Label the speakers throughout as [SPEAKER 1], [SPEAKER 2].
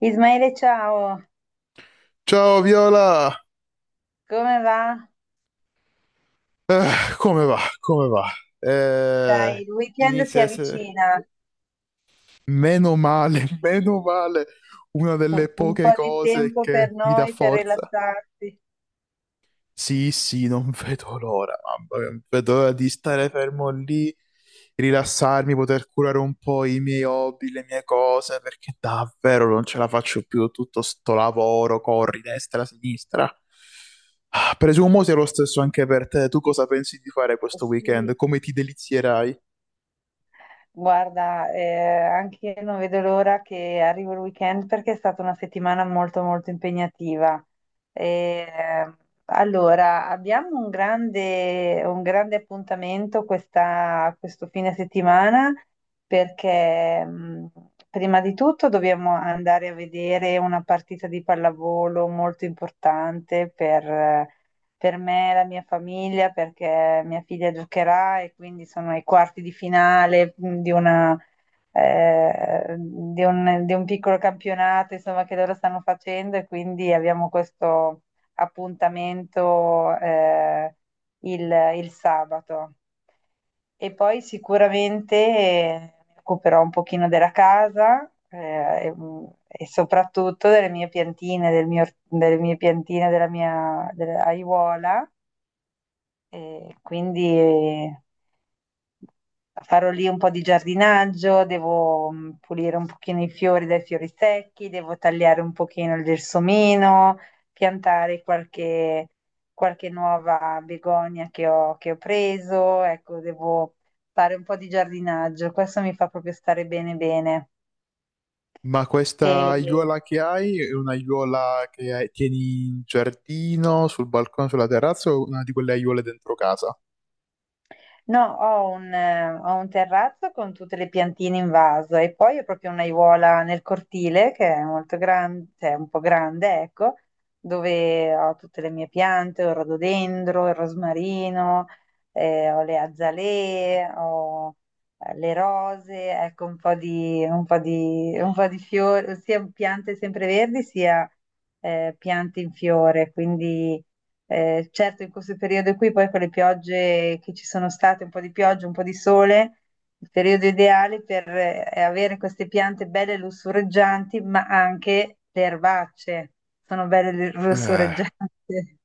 [SPEAKER 1] Ismaele, ciao,
[SPEAKER 2] Ciao Viola,
[SPEAKER 1] come va?
[SPEAKER 2] Come va? Come va? Eh,
[SPEAKER 1] Il weekend si
[SPEAKER 2] inizia a essere,
[SPEAKER 1] avvicina,
[SPEAKER 2] meno male, meno male, una delle
[SPEAKER 1] un
[SPEAKER 2] poche
[SPEAKER 1] po' di
[SPEAKER 2] cose
[SPEAKER 1] tempo per
[SPEAKER 2] che mi dà
[SPEAKER 1] noi per
[SPEAKER 2] forza.
[SPEAKER 1] rilassarsi.
[SPEAKER 2] Sì, sì, non vedo l'ora, mamma mia, non vedo l'ora di stare fermo lì, rilassarmi, poter curare un po' i miei hobby, le mie cose, perché davvero non ce la faccio più tutto sto lavoro, corri destra, sinistra. Ah, presumo sia lo stesso anche per te. Tu cosa pensi di fare questo weekend?
[SPEAKER 1] Sì,
[SPEAKER 2] Come ti delizierai?
[SPEAKER 1] guarda, anche io non vedo l'ora che arrivi il weekend perché è stata una settimana molto molto impegnativa. Eh, allora, abbiamo un grande appuntamento questo fine settimana perché prima di tutto dobbiamo andare a vedere una partita di pallavolo molto importante per me e la mia famiglia perché mia figlia giocherà e quindi sono ai quarti di finale di di di un piccolo campionato, insomma, che loro stanno facendo e quindi abbiamo questo appuntamento il il sabato. E poi sicuramente, mi occuperò un pochino della casa, e e soprattutto delle mie piantine, del mio or delle mie piantine, della aiuola, e quindi farò lì un po' di giardinaggio, devo pulire un pochino i fiori dai fiori secchi, devo tagliare un pochino il gelsomino, piantare qualche nuova begonia che ho preso, ecco, devo fare un po' di giardinaggio, questo mi fa proprio stare bene bene.
[SPEAKER 2] Ma questa aiuola che hai è un'aiuola che tieni in giardino, sul balcone, sulla terrazza o una di quelle aiuole dentro casa?
[SPEAKER 1] No, ho un terrazzo con tutte le piantine in vaso e poi ho proprio un'aiuola nel cortile che è molto grande, cioè un po' grande, ecco, dove ho tutte le mie piante, ho il rododendro, il rosmarino, ho le azalee, ho le rose, ecco un po' di fiori, sia piante sempreverdi sia piante in fiore, quindi certo, in questo periodo qui, poi con le piogge che ci sono state, un po' di pioggia, un po' di sole, il periodo ideale per avere queste piante belle lussureggianti, ma anche le erbacce sono belle
[SPEAKER 2] Eh.
[SPEAKER 1] lussureggianti.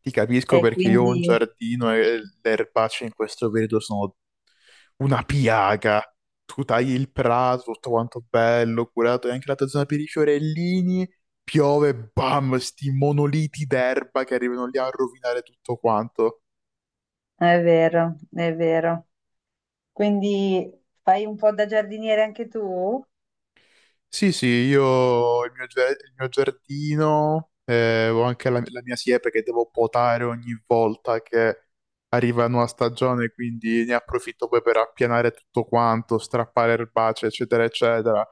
[SPEAKER 2] Ti
[SPEAKER 1] E
[SPEAKER 2] capisco perché io ho
[SPEAKER 1] quindi
[SPEAKER 2] un giardino e le erbacce in questo periodo sono una piaga. Tu tagli il prato, tutto quanto bello, curato, e anche la tua zona per i fiorellini, piove, bam, sti monoliti d'erba che arrivano lì a rovinare tutto quanto.
[SPEAKER 1] è vero, è vero. Quindi fai un po' da giardiniere anche tu?
[SPEAKER 2] Sì, sì, io ho il mio, il mio giardino, ho anche la mia siepe che devo potare ogni volta che arriva una nuova stagione, quindi ne approfitto poi per appianare tutto quanto, strappare erbacee, eccetera, eccetera.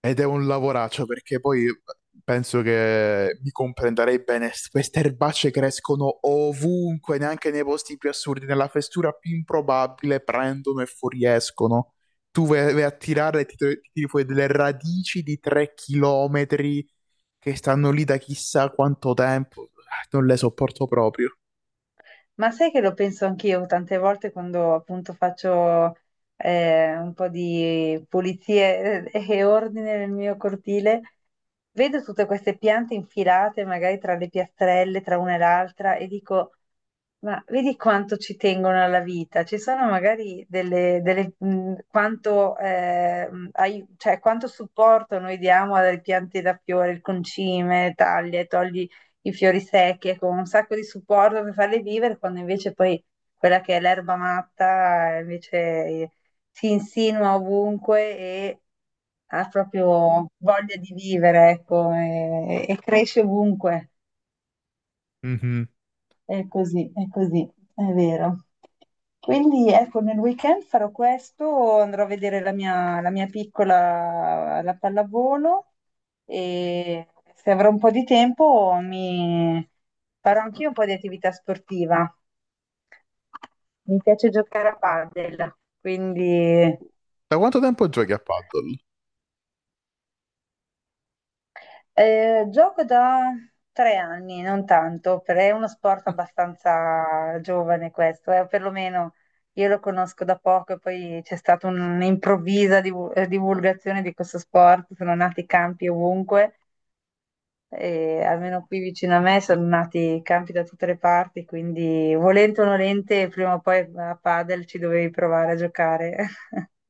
[SPEAKER 2] Ed è un lavoraccio perché poi penso che mi comprenderei bene. Queste erbacce crescono ovunque, neanche nei posti più assurdi, nella fessura più improbabile prendono e fuoriescono. Tu vai, vai a tirare e ti tiri fuori delle radici di 3 chilometri che stanno lì da chissà quanto tempo. Ah, non le sopporto proprio.
[SPEAKER 1] Ma sai che lo penso anch'io tante volte quando appunto faccio un po' di pulizie e ordine nel mio cortile, vedo tutte queste piante infilate magari tra le piastrelle, tra una e l'altra e dico, ma vedi quanto ci tengono alla vita, ci sono magari cioè, quanto supporto noi diamo alle piante da fiore, il concime, taglia, e togli i fiori secchi, ecco, un sacco di supporto per farle vivere, quando invece poi quella che è l'erba matta invece si insinua ovunque e ha proprio voglia di vivere, ecco, e cresce ovunque.
[SPEAKER 2] Mhm.
[SPEAKER 1] È così, è così, è vero. Quindi ecco, nel weekend farò questo, andrò a vedere la mia piccola alla pallavolo e se avrò un po' di tempo mi farò anch'io un po' di attività sportiva. Mi piace giocare a padel, quindi
[SPEAKER 2] Da quanto tempo giochi a paddle?
[SPEAKER 1] Gioco da tre anni, non tanto, perché è uno sport abbastanza giovane questo, perlomeno io lo conosco da poco e poi c'è stata divulgazione di questo sport, sono nati campi ovunque, e almeno qui vicino a me sono nati campi da tutte le parti, quindi volente o nolente, prima o poi a padel ci dovevi provare a giocare.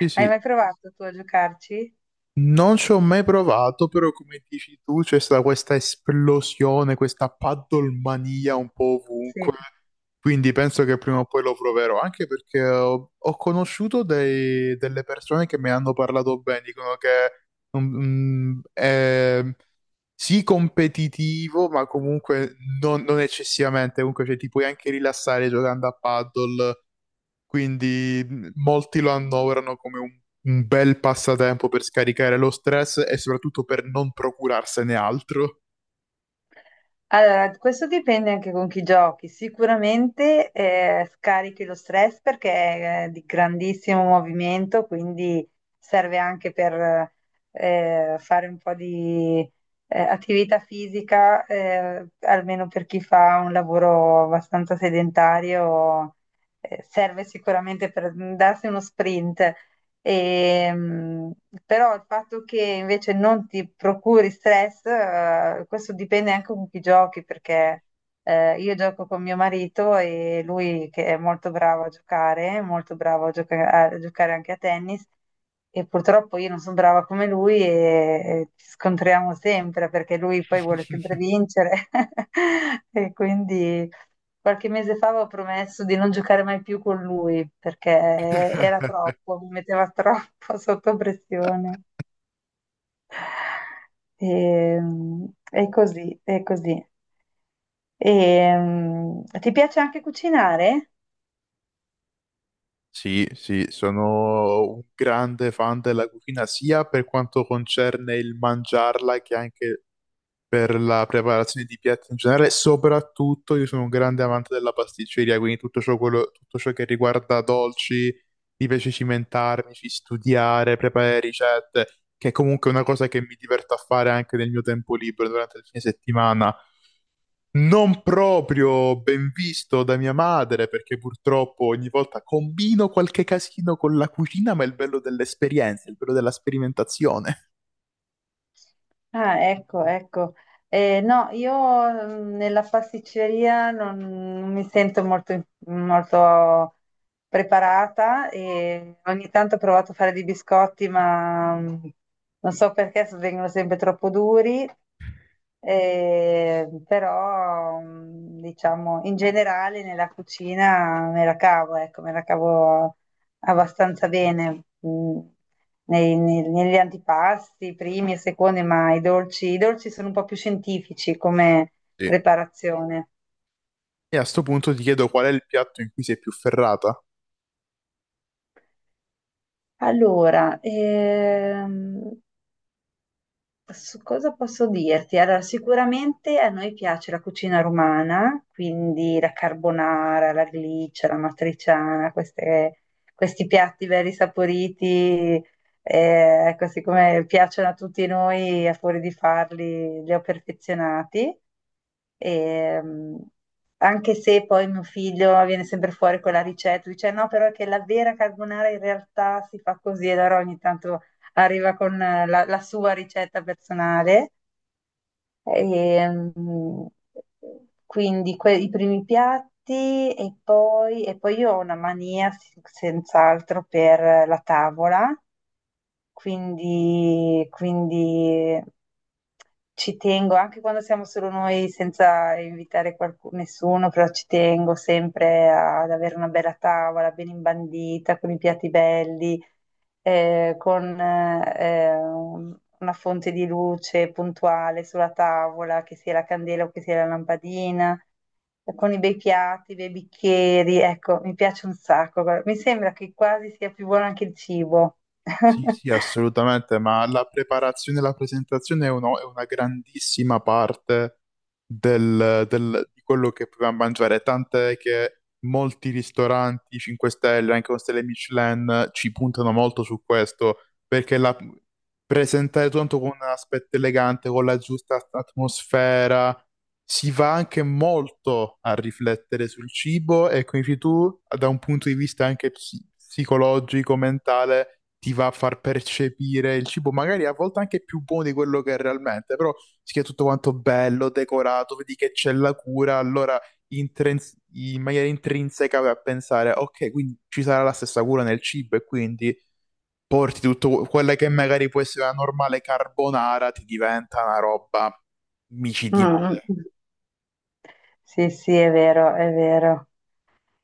[SPEAKER 2] Sì,
[SPEAKER 1] Hai
[SPEAKER 2] sì.
[SPEAKER 1] mai provato tu a giocarci?
[SPEAKER 2] Non ci ho mai provato, però come dici tu c'è stata questa esplosione, questa paddlemania un po' ovunque,
[SPEAKER 1] Sì.
[SPEAKER 2] quindi penso che prima o poi lo proverò, anche perché ho conosciuto delle persone che mi hanno parlato bene, dicono che mm, è sì competitivo, ma comunque non eccessivamente, comunque cioè, ti puoi anche rilassare giocando a paddle, quindi molti lo annoverano come un bel passatempo per scaricare lo stress e soprattutto per non procurarsene altro.
[SPEAKER 1] Allora, questo dipende anche con chi giochi. Sicuramente scarichi lo stress perché è di grandissimo movimento, quindi serve anche per fare un po' di attività fisica, almeno per chi fa un lavoro abbastanza sedentario, serve sicuramente per darsi uno sprint. Ehm, Però il fatto che invece non ti procuri stress, questo dipende anche con chi giochi, perché io gioco con mio marito e lui che è molto bravo a giocare, molto bravo a giocare anche a tennis, e purtroppo io non sono brava come e ci scontriamo sempre perché lui poi vuole sempre vincere. E quindi qualche mese fa avevo promesso di non giocare mai più con lui perché era troppo, mi metteva troppo sotto pressione. E, mm, è così, è così. Ti piace anche cucinare?
[SPEAKER 2] Sì, sì, sono un grande fan della cucina sia per quanto concerne il mangiarla che anche per la preparazione di piatti in generale, soprattutto io sono un grande amante della pasticceria, quindi tutto ciò, tutto ciò che riguarda dolci, mi piace cimentarmi, ci studiare, preparare ricette, che è comunque una cosa che mi diverto a fare anche nel mio tempo libero durante il fine settimana. Non proprio ben visto da mia madre, perché purtroppo ogni volta combino qualche casino con la cucina, ma è il bello dell'esperienza, il bello della sperimentazione.
[SPEAKER 1] Ah, ecco, ecco. No, io nella pasticceria non mi sento molto preparata e ogni tanto ho provato a fare dei biscotti, ma non so perché vengono sempre troppo duri però diciamo in generale nella cucina me la cavo, ecco, me la cavo abbastanza bene negli antipasti, primi e secondi, ma i dolci sono un po' più scientifici come
[SPEAKER 2] Sì.
[SPEAKER 1] preparazione.
[SPEAKER 2] E a sto punto ti chiedo qual è il piatto in cui sei più ferrata?
[SPEAKER 1] Allora, su cosa posso dirti? Allora, sicuramente a noi piace la cucina romana, quindi la carbonara, la gliccia, la matriciana, questi piatti belli saporiti, così come piacciono a tutti noi, a fuori di farli, li ho perfezionati. E, mm, Anche se poi mio figlio viene sempre fuori con la ricetta, dice no, però è che la vera carbonara in realtà si fa così, allora ogni tanto arriva con la sua ricetta personale. E, mm, quindi i primi piatti e poi io ho una mania senz'altro per la tavola, quindi ci tengo anche quando siamo solo noi senza invitare qualcuno, nessuno, però ci tengo sempre ad avere una bella tavola ben imbandita con i piatti belli con una fonte di luce puntuale sulla tavola, che sia la candela o che sia la lampadina, con i bei piatti, i bei bicchieri, ecco, mi piace un sacco. Guarda, mi sembra che quasi sia più buono anche il cibo.
[SPEAKER 2] Sì, sì, assolutamente, ma la preparazione e la presentazione è, è una grandissima parte di quello che proviamo a mangiare, tant'è che molti ristoranti 5 stelle, anche con stelle Michelin, ci puntano molto su questo, perché la, presentare tutto con un aspetto elegante, con la giusta atmosfera, si va anche molto a riflettere sul cibo e come dici tu, da un punto di vista anche psicologico, mentale, ti va a far percepire il cibo, magari a volte anche più buono di quello che è realmente, però si è tutto quanto bello, decorato, vedi che c'è la cura, allora in maniera intrinseca vai a pensare, ok, quindi ci sarà la stessa cura nel cibo e quindi porti tutto quella che magari può essere una normale carbonara, ti diventa una roba
[SPEAKER 1] Mm, mm,
[SPEAKER 2] micidiale.
[SPEAKER 1] mm. Sì, sì, è vero, è vero.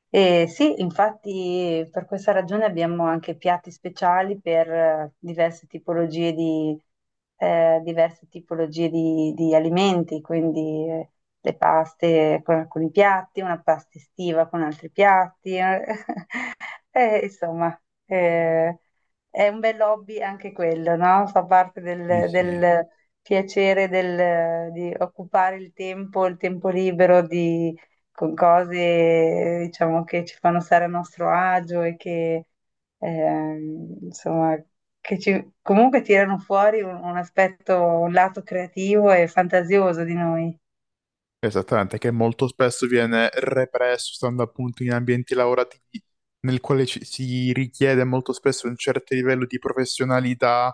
[SPEAKER 1] Sì, infatti per questa ragione abbiamo anche piatti speciali per diverse tipologie diverse tipologie di alimenti, quindi le paste con alcuni piatti, una pasta estiva con altri piatti. Insomma, eh, è un bel hobby anche quello, no? Fa parte
[SPEAKER 2] Sì, sì.
[SPEAKER 1] del piacere di occupare il tempo libero di- con cose, diciamo, che ci fanno stare a nostro agio e che, insomma, che comunque tirano fuori un aspetto, un lato creativo e fantasioso di noi.
[SPEAKER 2] Esattamente, che molto spesso viene represso, stando appunto in ambienti lavorativi nel quale si richiede molto spesso un certo livello di professionalità,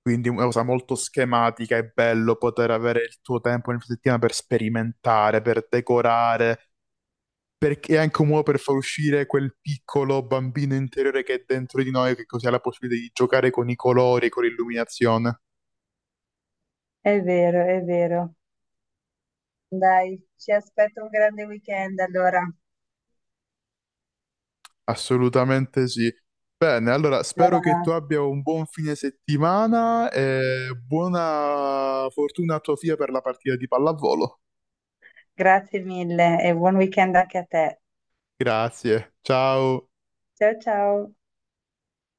[SPEAKER 2] quindi una cosa molto schematica, è bello poter avere il tuo tempo nel fine settimana per sperimentare, per decorare, perché è anche un modo per far uscire quel piccolo bambino interiore che è dentro di noi, che così ha la possibilità di giocare con i colori, con l'illuminazione.
[SPEAKER 1] È vero, è vero. Dai, ci aspetto un grande weekend allora.
[SPEAKER 2] Assolutamente sì. Bene, allora spero che tu
[SPEAKER 1] Allora,
[SPEAKER 2] abbia un buon fine settimana e buona fortuna a tua figlia per la partita di pallavolo.
[SPEAKER 1] grazie mille e buon weekend anche a te.
[SPEAKER 2] Grazie, ciao.
[SPEAKER 1] Ciao ciao.